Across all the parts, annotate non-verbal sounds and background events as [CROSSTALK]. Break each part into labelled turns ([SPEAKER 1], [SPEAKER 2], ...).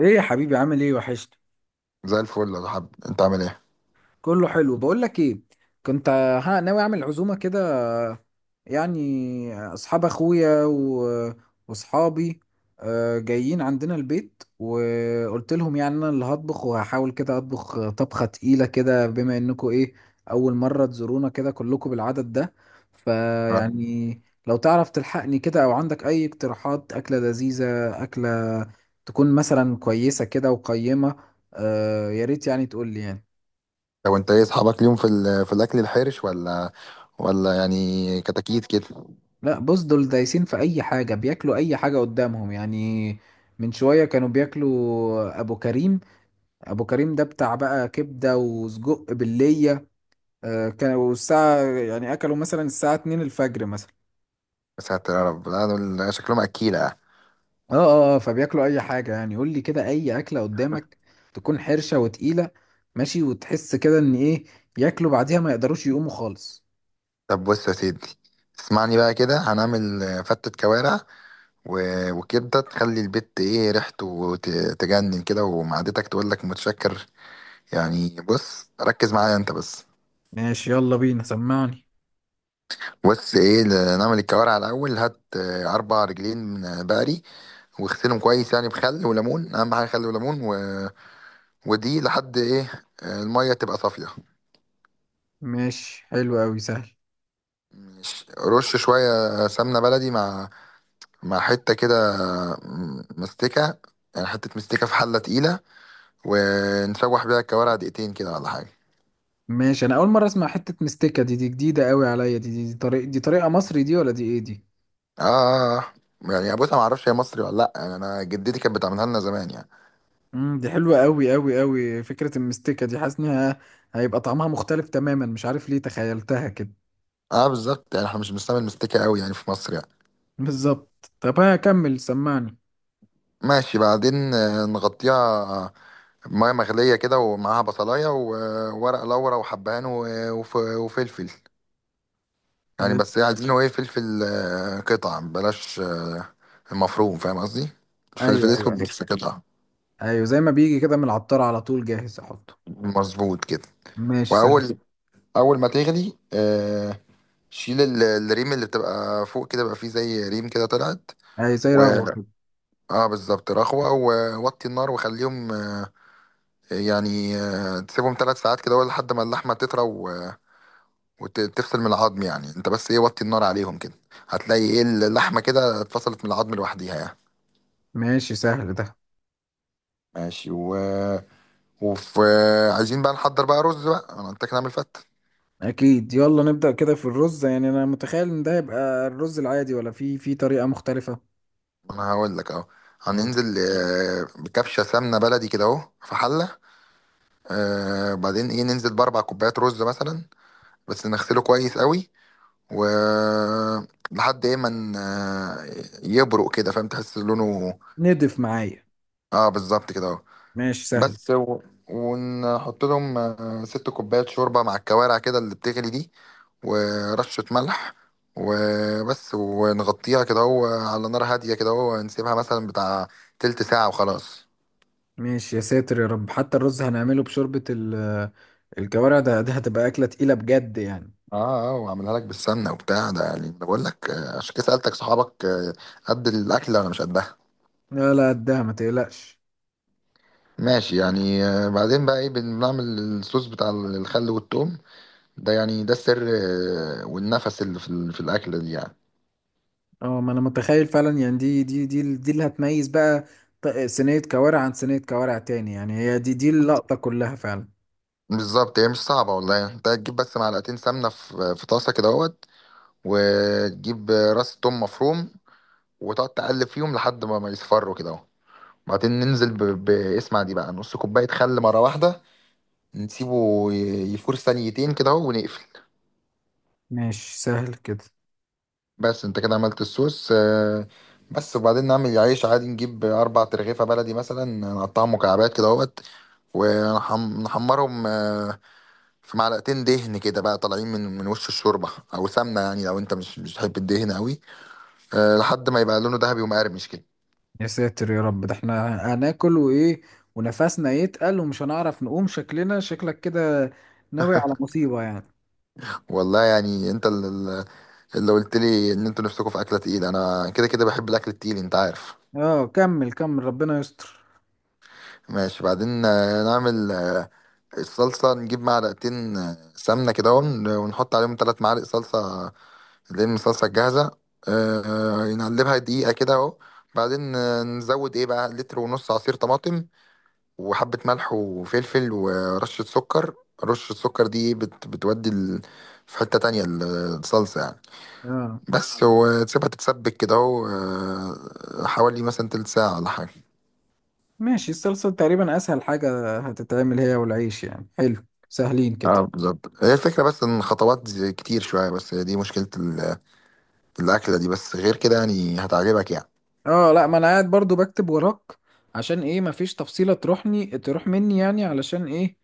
[SPEAKER 1] ايه يا حبيبي، عامل ايه؟ وحشت.
[SPEAKER 2] زي الفل يا حب، انت عامل ايه؟
[SPEAKER 1] كله حلو. بقول لك ايه، كنت ها ناوي اعمل عزومه كده، يعني اصحاب اخويا واصحابي جايين عندنا البيت وقلت لهم يعني انا اللي هطبخ وهحاول كده اطبخ طبخه تقيله كده بما انكم ايه، اول مره تزورونا كده كلكم بالعدد ده.
[SPEAKER 2] اه.
[SPEAKER 1] فيعني لو تعرف تلحقني كده او عندك اي اقتراحات اكله لذيذه، اكله تكون مثلا كويسه كده وقيمه. يا ريت يعني تقول لي يعني.
[SPEAKER 2] لو انت ايه اصحابك اليوم في الاكل الحرش، ولا يعني كتاكيت كده؟
[SPEAKER 1] لا بص، دول دايسين في اي حاجه، بياكلوا اي حاجه قدامهم يعني. من شويه كانوا بياكلوا ابو كريم. ابو كريم ده بتاع بقى كبده وسجق بالليه. كانوا الساعه يعني اكلوا مثلا الساعه 2 الفجر مثلا.
[SPEAKER 2] يا ساتر يا رب، لا دول شكلهم اكيله يعني.
[SPEAKER 1] اه اه، فبياكلوا اي حاجه يعني. قول لي كده اي اكله قدامك تكون حرشه وتقيله، ماشي، وتحس كده ان ايه، ياكلوا بعديها ما يقدروش يقوموا خالص.
[SPEAKER 2] طب بص يا سيدي، اسمعني بقى كده. هنعمل فتة كوارع وكبدة تخلي البيت ايه ريحته تجنن كده، ومعدتك تقول لك متشكر. يعني بص ركز معايا انت بس.
[SPEAKER 1] ماشي، يلا بينا، سمعني.
[SPEAKER 2] بص ايه، نعمل الكوارع الاول. هات 4 رجلين من بقري، واغسلهم كويس يعني بخل وليمون. اهم حاجه خل وليمون. ودي لحد ايه الميه تبقى صافيه.
[SPEAKER 1] ماشي حلو قوي، سهل.
[SPEAKER 2] مش رش شويه سمنه بلدي مع حته كده مستكه. يعني حته مستكه في حله تقيله، ونشوح بيها الكوارع دقيقتين كده ولا حاجه.
[SPEAKER 1] ماشي، انا اول مره اسمع حته مستكه، دي جديده قوي عليا. دي طريقه، دي طريقه مصري دي ولا دي ايه دي؟
[SPEAKER 2] اه. يعني بص انا ما اعرفش هي مصري ولا لا، يعني انا جدتي كانت بتعملها لنا زمان يعني.
[SPEAKER 1] دي حلوه قوي قوي قوي. فكره المستكه دي، حاسس انها هيبقى طعمها مختلف تماما، مش عارف ليه تخيلتها كده.
[SPEAKER 2] اه بالظبط، يعني احنا مش بنستعمل مستكة قوي يعني في مصر يعني.
[SPEAKER 1] [LAUGHS] بالظبط. طب ها، كمل سمعني.
[SPEAKER 2] ماشي. بعدين نغطيها ميه مغليه كده، ومعاها بصلايه وورق لورا وحبهان وفلفل. يعني
[SPEAKER 1] ايوه،
[SPEAKER 2] بس عايزينه ايه؟ فلفل قطع بلاش، المفروم، فاهم قصدي، الفلفل
[SPEAKER 1] ايوه،
[SPEAKER 2] الاسود
[SPEAKER 1] ايوه،
[SPEAKER 2] بس قطع.
[SPEAKER 1] ايوه، زي ما بيجي كده من العطار على طول جاهز احطه.
[SPEAKER 2] مظبوط كده.
[SPEAKER 1] ماشي سهل.
[SPEAKER 2] واول اول ما تغلي، شيل الريم اللي بتبقى فوق كده، بقى فيه زي ريم كده طلعت
[SPEAKER 1] اي، زي
[SPEAKER 2] و
[SPEAKER 1] رغوه كده.
[SPEAKER 2] اه بالظبط، رخوة. ووطي النار وخليهم، يعني تسيبهم 3 ساعات كده ولا لحد ما اللحمه تطرى وتفصل من العظم. يعني انت بس ايه، وطي النار عليهم كده، هتلاقي ايه اللحمه كده اتفصلت من العظم لوحديها يعني.
[SPEAKER 1] ماشي سهل ده.
[SPEAKER 2] ماشي. وفي عايزين بقى نحضر بقى رز بقى، انا قلت لك نعمل فته.
[SPEAKER 1] اكيد، يلا نبدا كده في الرز. يعني انا متخيل ان ده يبقى الرز العادي، ولا في طريقه مختلفه؟
[SPEAKER 2] انا هقول لك اهو.
[SPEAKER 1] قول.
[SPEAKER 2] هننزل بكبشه سمنه بلدي كده اهو في حله. بعدين ايه، ننزل باربع كوبايات رز مثلا، بس نغسله كويس قوي و لحد ايه ما يبرق كده، فاهم تحس لونه.
[SPEAKER 1] ندف معايا.
[SPEAKER 2] اه بالظبط كده اهو
[SPEAKER 1] ماشي سهل.
[SPEAKER 2] بس. ونحط لهم 6 كوبايات شوربة مع الكوارع كده اللي بتغلي دي، ورشة ملح وبس. ونغطيها كده اهو، على نار هادية كده اهو، نسيبها مثلا بتاع تلت ساعة وخلاص.
[SPEAKER 1] ماشي، يا ساتر يا رب، حتى الرز هنعمله بشوربة الكوارع. ده هتبقى أكلة تقيلة بجد يعني.
[SPEAKER 2] اه، اه. واعملها لك بالسمنة وبتاع ده يعني، أنا بقول لك عشان كده سألتك، صحابك قد الأكلة ولا مش قدها؟
[SPEAKER 1] لا لا، قدها، ما تقلقش.
[SPEAKER 2] ماشي يعني. بعدين بقى ايه بنعمل؟ الصوص بتاع الخل والثوم ده يعني، ده السر والنفس اللي في الأكلة دي يعني.
[SPEAKER 1] اه، ما انا متخيل فعلا يعني، دي اللي هتميز بقى صينية كوارع عن صينية كوارع تاني يعني. هي دي اللقطة كلها فعلا.
[SPEAKER 2] بالظبط، هي مش صعبة والله يعني. انت هتجيب بس معلقتين سمنة في طاسة كده اهوت، وتجيب راس توم مفروم، وتقعد تقلب فيهم لحد ما يصفروا كده اهو. بعدين ننزل باسمع دي بقى، نص كوباية خل مرة واحدة، نسيبه يفور ثانيتين كده اهو ونقفل.
[SPEAKER 1] ماشي سهل كده.
[SPEAKER 2] بس انت كده عملت الصوص. بس. وبعدين نعمل عيش عادي، نجيب 4 ترغيفة بلدي مثلا، نقطعهم مكعبات كده اهوت، ونحمرهم في معلقتين دهن كده بقى طالعين من وش الشوربه او سمنه، يعني لو انت مش بتحب الدهن قوي. أه، لحد ما يبقى لونه ذهبي ومقرمش كده.
[SPEAKER 1] يا ساتر يا رب، ده احنا هناكل، وايه، ونفسنا يتقل، ومش هنعرف نقوم. شكلنا شكلك كده، ناوي على مصيبة يعني.
[SPEAKER 2] والله يعني انت اللي قلت لي ان انتوا نفسكم في اكله تقيله، انا كده كده بحب الاكل التقيل، انت عارف.
[SPEAKER 1] اه كمل كمل، ربنا يستر.
[SPEAKER 2] ماشي. بعدين نعمل الصلصه، نجيب معلقتين سمنه كده، ونحط عليهم 3 معالق صلصه اللي هي من الصلصه الجاهزه. أه. نقلبها دقيقه كده اهو. بعدين نزود ايه بقى لتر ونص عصير طماطم وحبة ملح وفلفل ورشة سكر. رشة السكر دي بتودي في حتة تانية الصلصة يعني.
[SPEAKER 1] اه
[SPEAKER 2] بس. وتسيبها تتسبك كده اهو، حوالي مثلا تلت ساعة ولا حاجة.
[SPEAKER 1] ماشي. الصلصة تقريبا أسهل حاجة هتتعمل، هي والعيش يعني، حلو سهلين كده.
[SPEAKER 2] اه بالظبط، هي الفكرة. بس ان خطوات كتير شوية، بس هي دي مشكلة الأكلة دي، بس غير كده يعني هتعجبك يعني.
[SPEAKER 1] اه لا، ما أنا قاعد برضو بكتب وراك عشان ايه، مفيش تفصيلة تروحني تروح مني يعني، علشان ايه،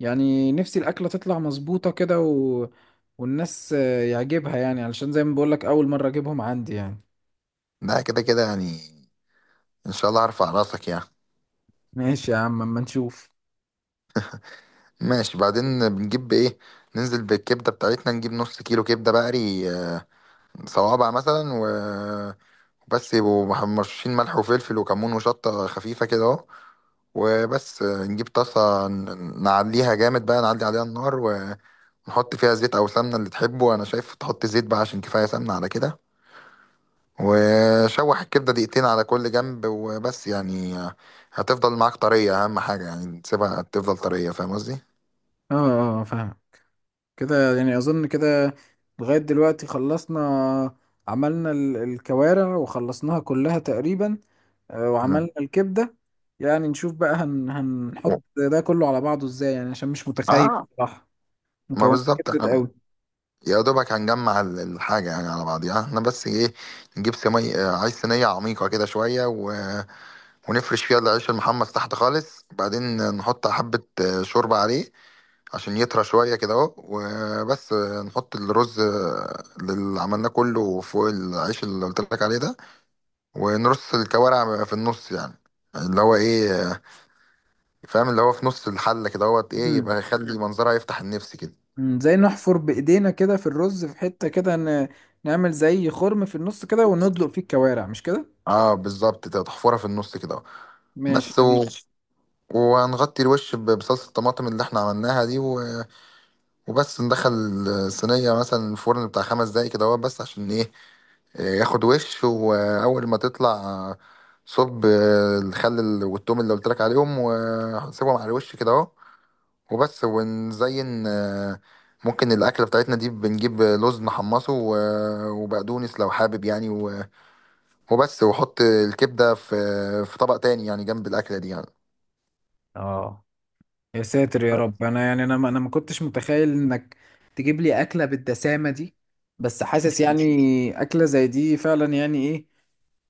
[SPEAKER 1] يعني نفسي الأكلة تطلع مظبوطة كده. و... والناس يعجبها يعني، علشان زي ما بقولك أول مرة أجيبهم عندي يعني.
[SPEAKER 2] لا، كده كده يعني ان شاء الله هرفع راسك يعني.
[SPEAKER 1] ماشي يا عم، أما نشوف.
[SPEAKER 2] ماشي. بعدين بنجيب ايه، ننزل بالكبدة بتاعتنا، نجيب نص كيلو كبدة بقري صوابع مثلا، بس يبقوا مرشين ملح وفلفل وكمون وشطة خفيفة كده اهو وبس. نجيب طاسة، نعليها جامد بقى، نعلي عليها النار، ونحط فيها زيت أو سمنة اللي تحبه. أنا شايف تحط زيت بقى عشان كفاية سمنة على كده، وشوح الكبدة دقيقتين على كل جنب وبس يعني. هتفضل معاك طرية، أهم حاجة يعني تسيبها تفضل طرية، فاهم قصدي؟
[SPEAKER 1] اه اه، فاهم. كده يعني، أظن كده لغاية دلوقتي خلصنا. عملنا الكوارع وخلصناها كلها تقريبا،
[SPEAKER 2] مم.
[SPEAKER 1] وعملنا الكبدة. يعني نشوف بقى هنحط ده كله على بعضه ازاي يعني، عشان مش متخيل
[SPEAKER 2] اه،
[SPEAKER 1] صراحة،
[SPEAKER 2] ما
[SPEAKER 1] مكونات
[SPEAKER 2] بالظبط
[SPEAKER 1] كترت
[SPEAKER 2] احنا
[SPEAKER 1] قوي.
[SPEAKER 2] يا دوبك هنجمع الحاجة يعني على بعضيها، احنا بس ايه، نجيب صينية، عايز صينية عميقة كده شوية، ونفرش فيها العيش المحمص تحت خالص. بعدين نحط حبة شوربة عليه عشان يطرى شوية كده اهو وبس. نحط الرز اللي عملناه كله فوق العيش اللي قلت لك عليه ده، ونرص الكوارع في النص، يعني اللي هو ايه فاهم، اللي هو في نص الحلة كده اهوت ايه،
[SPEAKER 1] مم.
[SPEAKER 2] يبقى يخلي منظرها يفتح النفس كده.
[SPEAKER 1] مم. زي نحفر بإيدينا كده في الرز في حتة كده، نعمل زي خرم في النص كده وندلق فيه الكوارع، مش كده؟
[SPEAKER 2] اه بالظبط كده، تحفرها في النص كده اهو.
[SPEAKER 1] ماشي،
[SPEAKER 2] بس
[SPEAKER 1] لذيذ.
[SPEAKER 2] و... وهنغطي الوش بصلصة الطماطم اللي احنا عملناها دي. وبس. ندخل الصينية مثلا الفرن بتاع 5 دقايق كده هو بس، عشان ايه؟ إيه، ياخد وش. وأول ما تطلع، صب الخل والتوم اللي قلت لك عليهم، وسيبهم على الوش كده اهو وبس. ونزين ممكن الأكلة بتاعتنا دي بنجيب لوز نحمصه وبقدونس لو حابب يعني. وبس. وحط الكبدة في طبق تاني يعني جنب الأكلة دي يعني.
[SPEAKER 1] اه، يا ساتر يا رب، انا يعني، انا ما انا ما كنتش متخيل انك تجيب لي اكله بالدسامه دي. بس حاسس يعني اكله زي دي فعلا يعني ايه،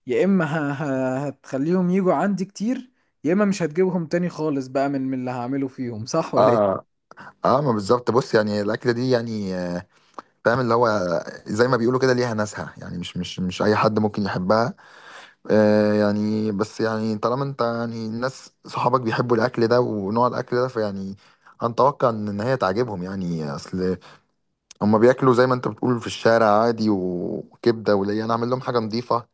[SPEAKER 1] يا اما هتخليهم يجوا عندي كتير، يا اما مش هتجيبهم تاني خالص بقى من اللي هعمله فيهم، صح ولا ايه؟
[SPEAKER 2] اه، اه. ما بالظبط، بص يعني الأكلة دي يعني فاهم، اللي هو زي ما بيقولوا كده ليها ناسها يعني، مش اي حد ممكن يحبها. يعني بس يعني طالما انت يعني الناس صحابك بيحبوا الاكل ده ونوع الاكل ده، فيعني هنتوقع ان هي تعجبهم، يعني اصل هما بياكلوا زي ما انت بتقول في الشارع عادي وكبده، وليا انا اعمل لهم حاجه نظيفه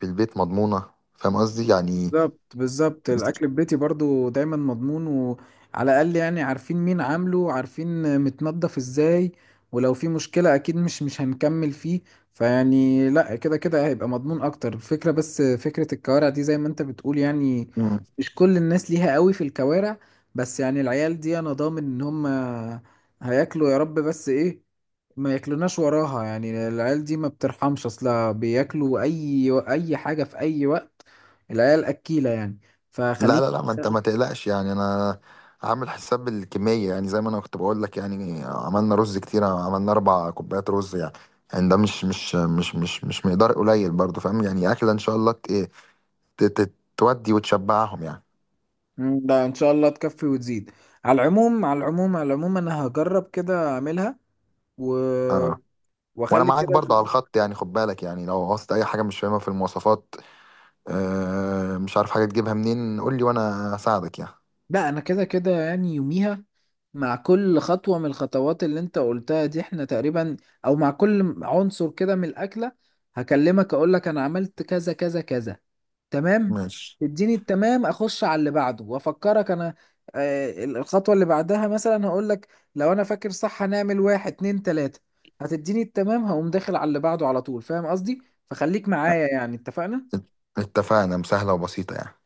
[SPEAKER 2] في البيت مضمونه، فاهم قصدي يعني.
[SPEAKER 1] بالظبط، بالظبط. الاكل في بيتي برضو دايما مضمون، وعلى الاقل يعني عارفين مين عامله، عارفين متنضف ازاي، ولو في مشكلة اكيد مش هنكمل فيه. فيعني لا، كده كده هيبقى مضمون اكتر. الفكرة بس فكرة الكوارع دي، زي ما انت بتقول يعني، مش كل الناس ليها قوي في الكوارع. بس يعني العيال دي انا ضامن ان هم هياكلوا يا رب، بس ايه، ما ياكلوناش وراها يعني. العيال دي ما بترحمش اصلا، بياكلوا اي حاجه في اي وقت. العيال اكيله يعني.
[SPEAKER 2] لا،
[SPEAKER 1] فخليك.
[SPEAKER 2] لا، لا، ما انت ما تقلقش يعني. انا عامل حساب الكميه، يعني زي ما انا كنت بقول لك يعني عملنا رز كتير، عملنا 4 كوبايات رز يعني، يعني ده مش مقدار قليل برضو، فاهم؟ يعني اكله ان شاء الله تودي وتشبعهم يعني.
[SPEAKER 1] مم، ده ان شاء الله تكفي وتزيد. على العموم على العموم على العموم، انا هجرب كده اعملها و...
[SPEAKER 2] اه. وانا
[SPEAKER 1] واخلي
[SPEAKER 2] معاك
[SPEAKER 1] كده.
[SPEAKER 2] برضه على الخط، يعني خد بالك يعني لو عوزت اي حاجه مش فاهمها في المواصفات، مش عارف حاجه تجيبها منين، قول لي وانا اساعدك يعني.
[SPEAKER 1] لا، انا كده كده يعني يوميها مع كل خطوة من الخطوات اللي انت قلتها دي، احنا تقريبا، او مع كل عنصر كده من الاكلة، هكلمك اقولك انا عملت كذا كذا كذا. تمام.
[SPEAKER 2] ماشي.
[SPEAKER 1] اديني التمام، اخش على اللي بعده، وافكرك انا الخطوة اللي بعدها مثلا. هقولك لو انا فاكر صح، هنعمل واحد اتنين تلاتة. هتديني التمام، هقوم داخل على اللي بعده على طول. فاهم قصدي؟ فخليك معايا يعني، اتفقنا؟
[SPEAKER 2] ات- اتفقنا، مسهله وبسيطه يعني.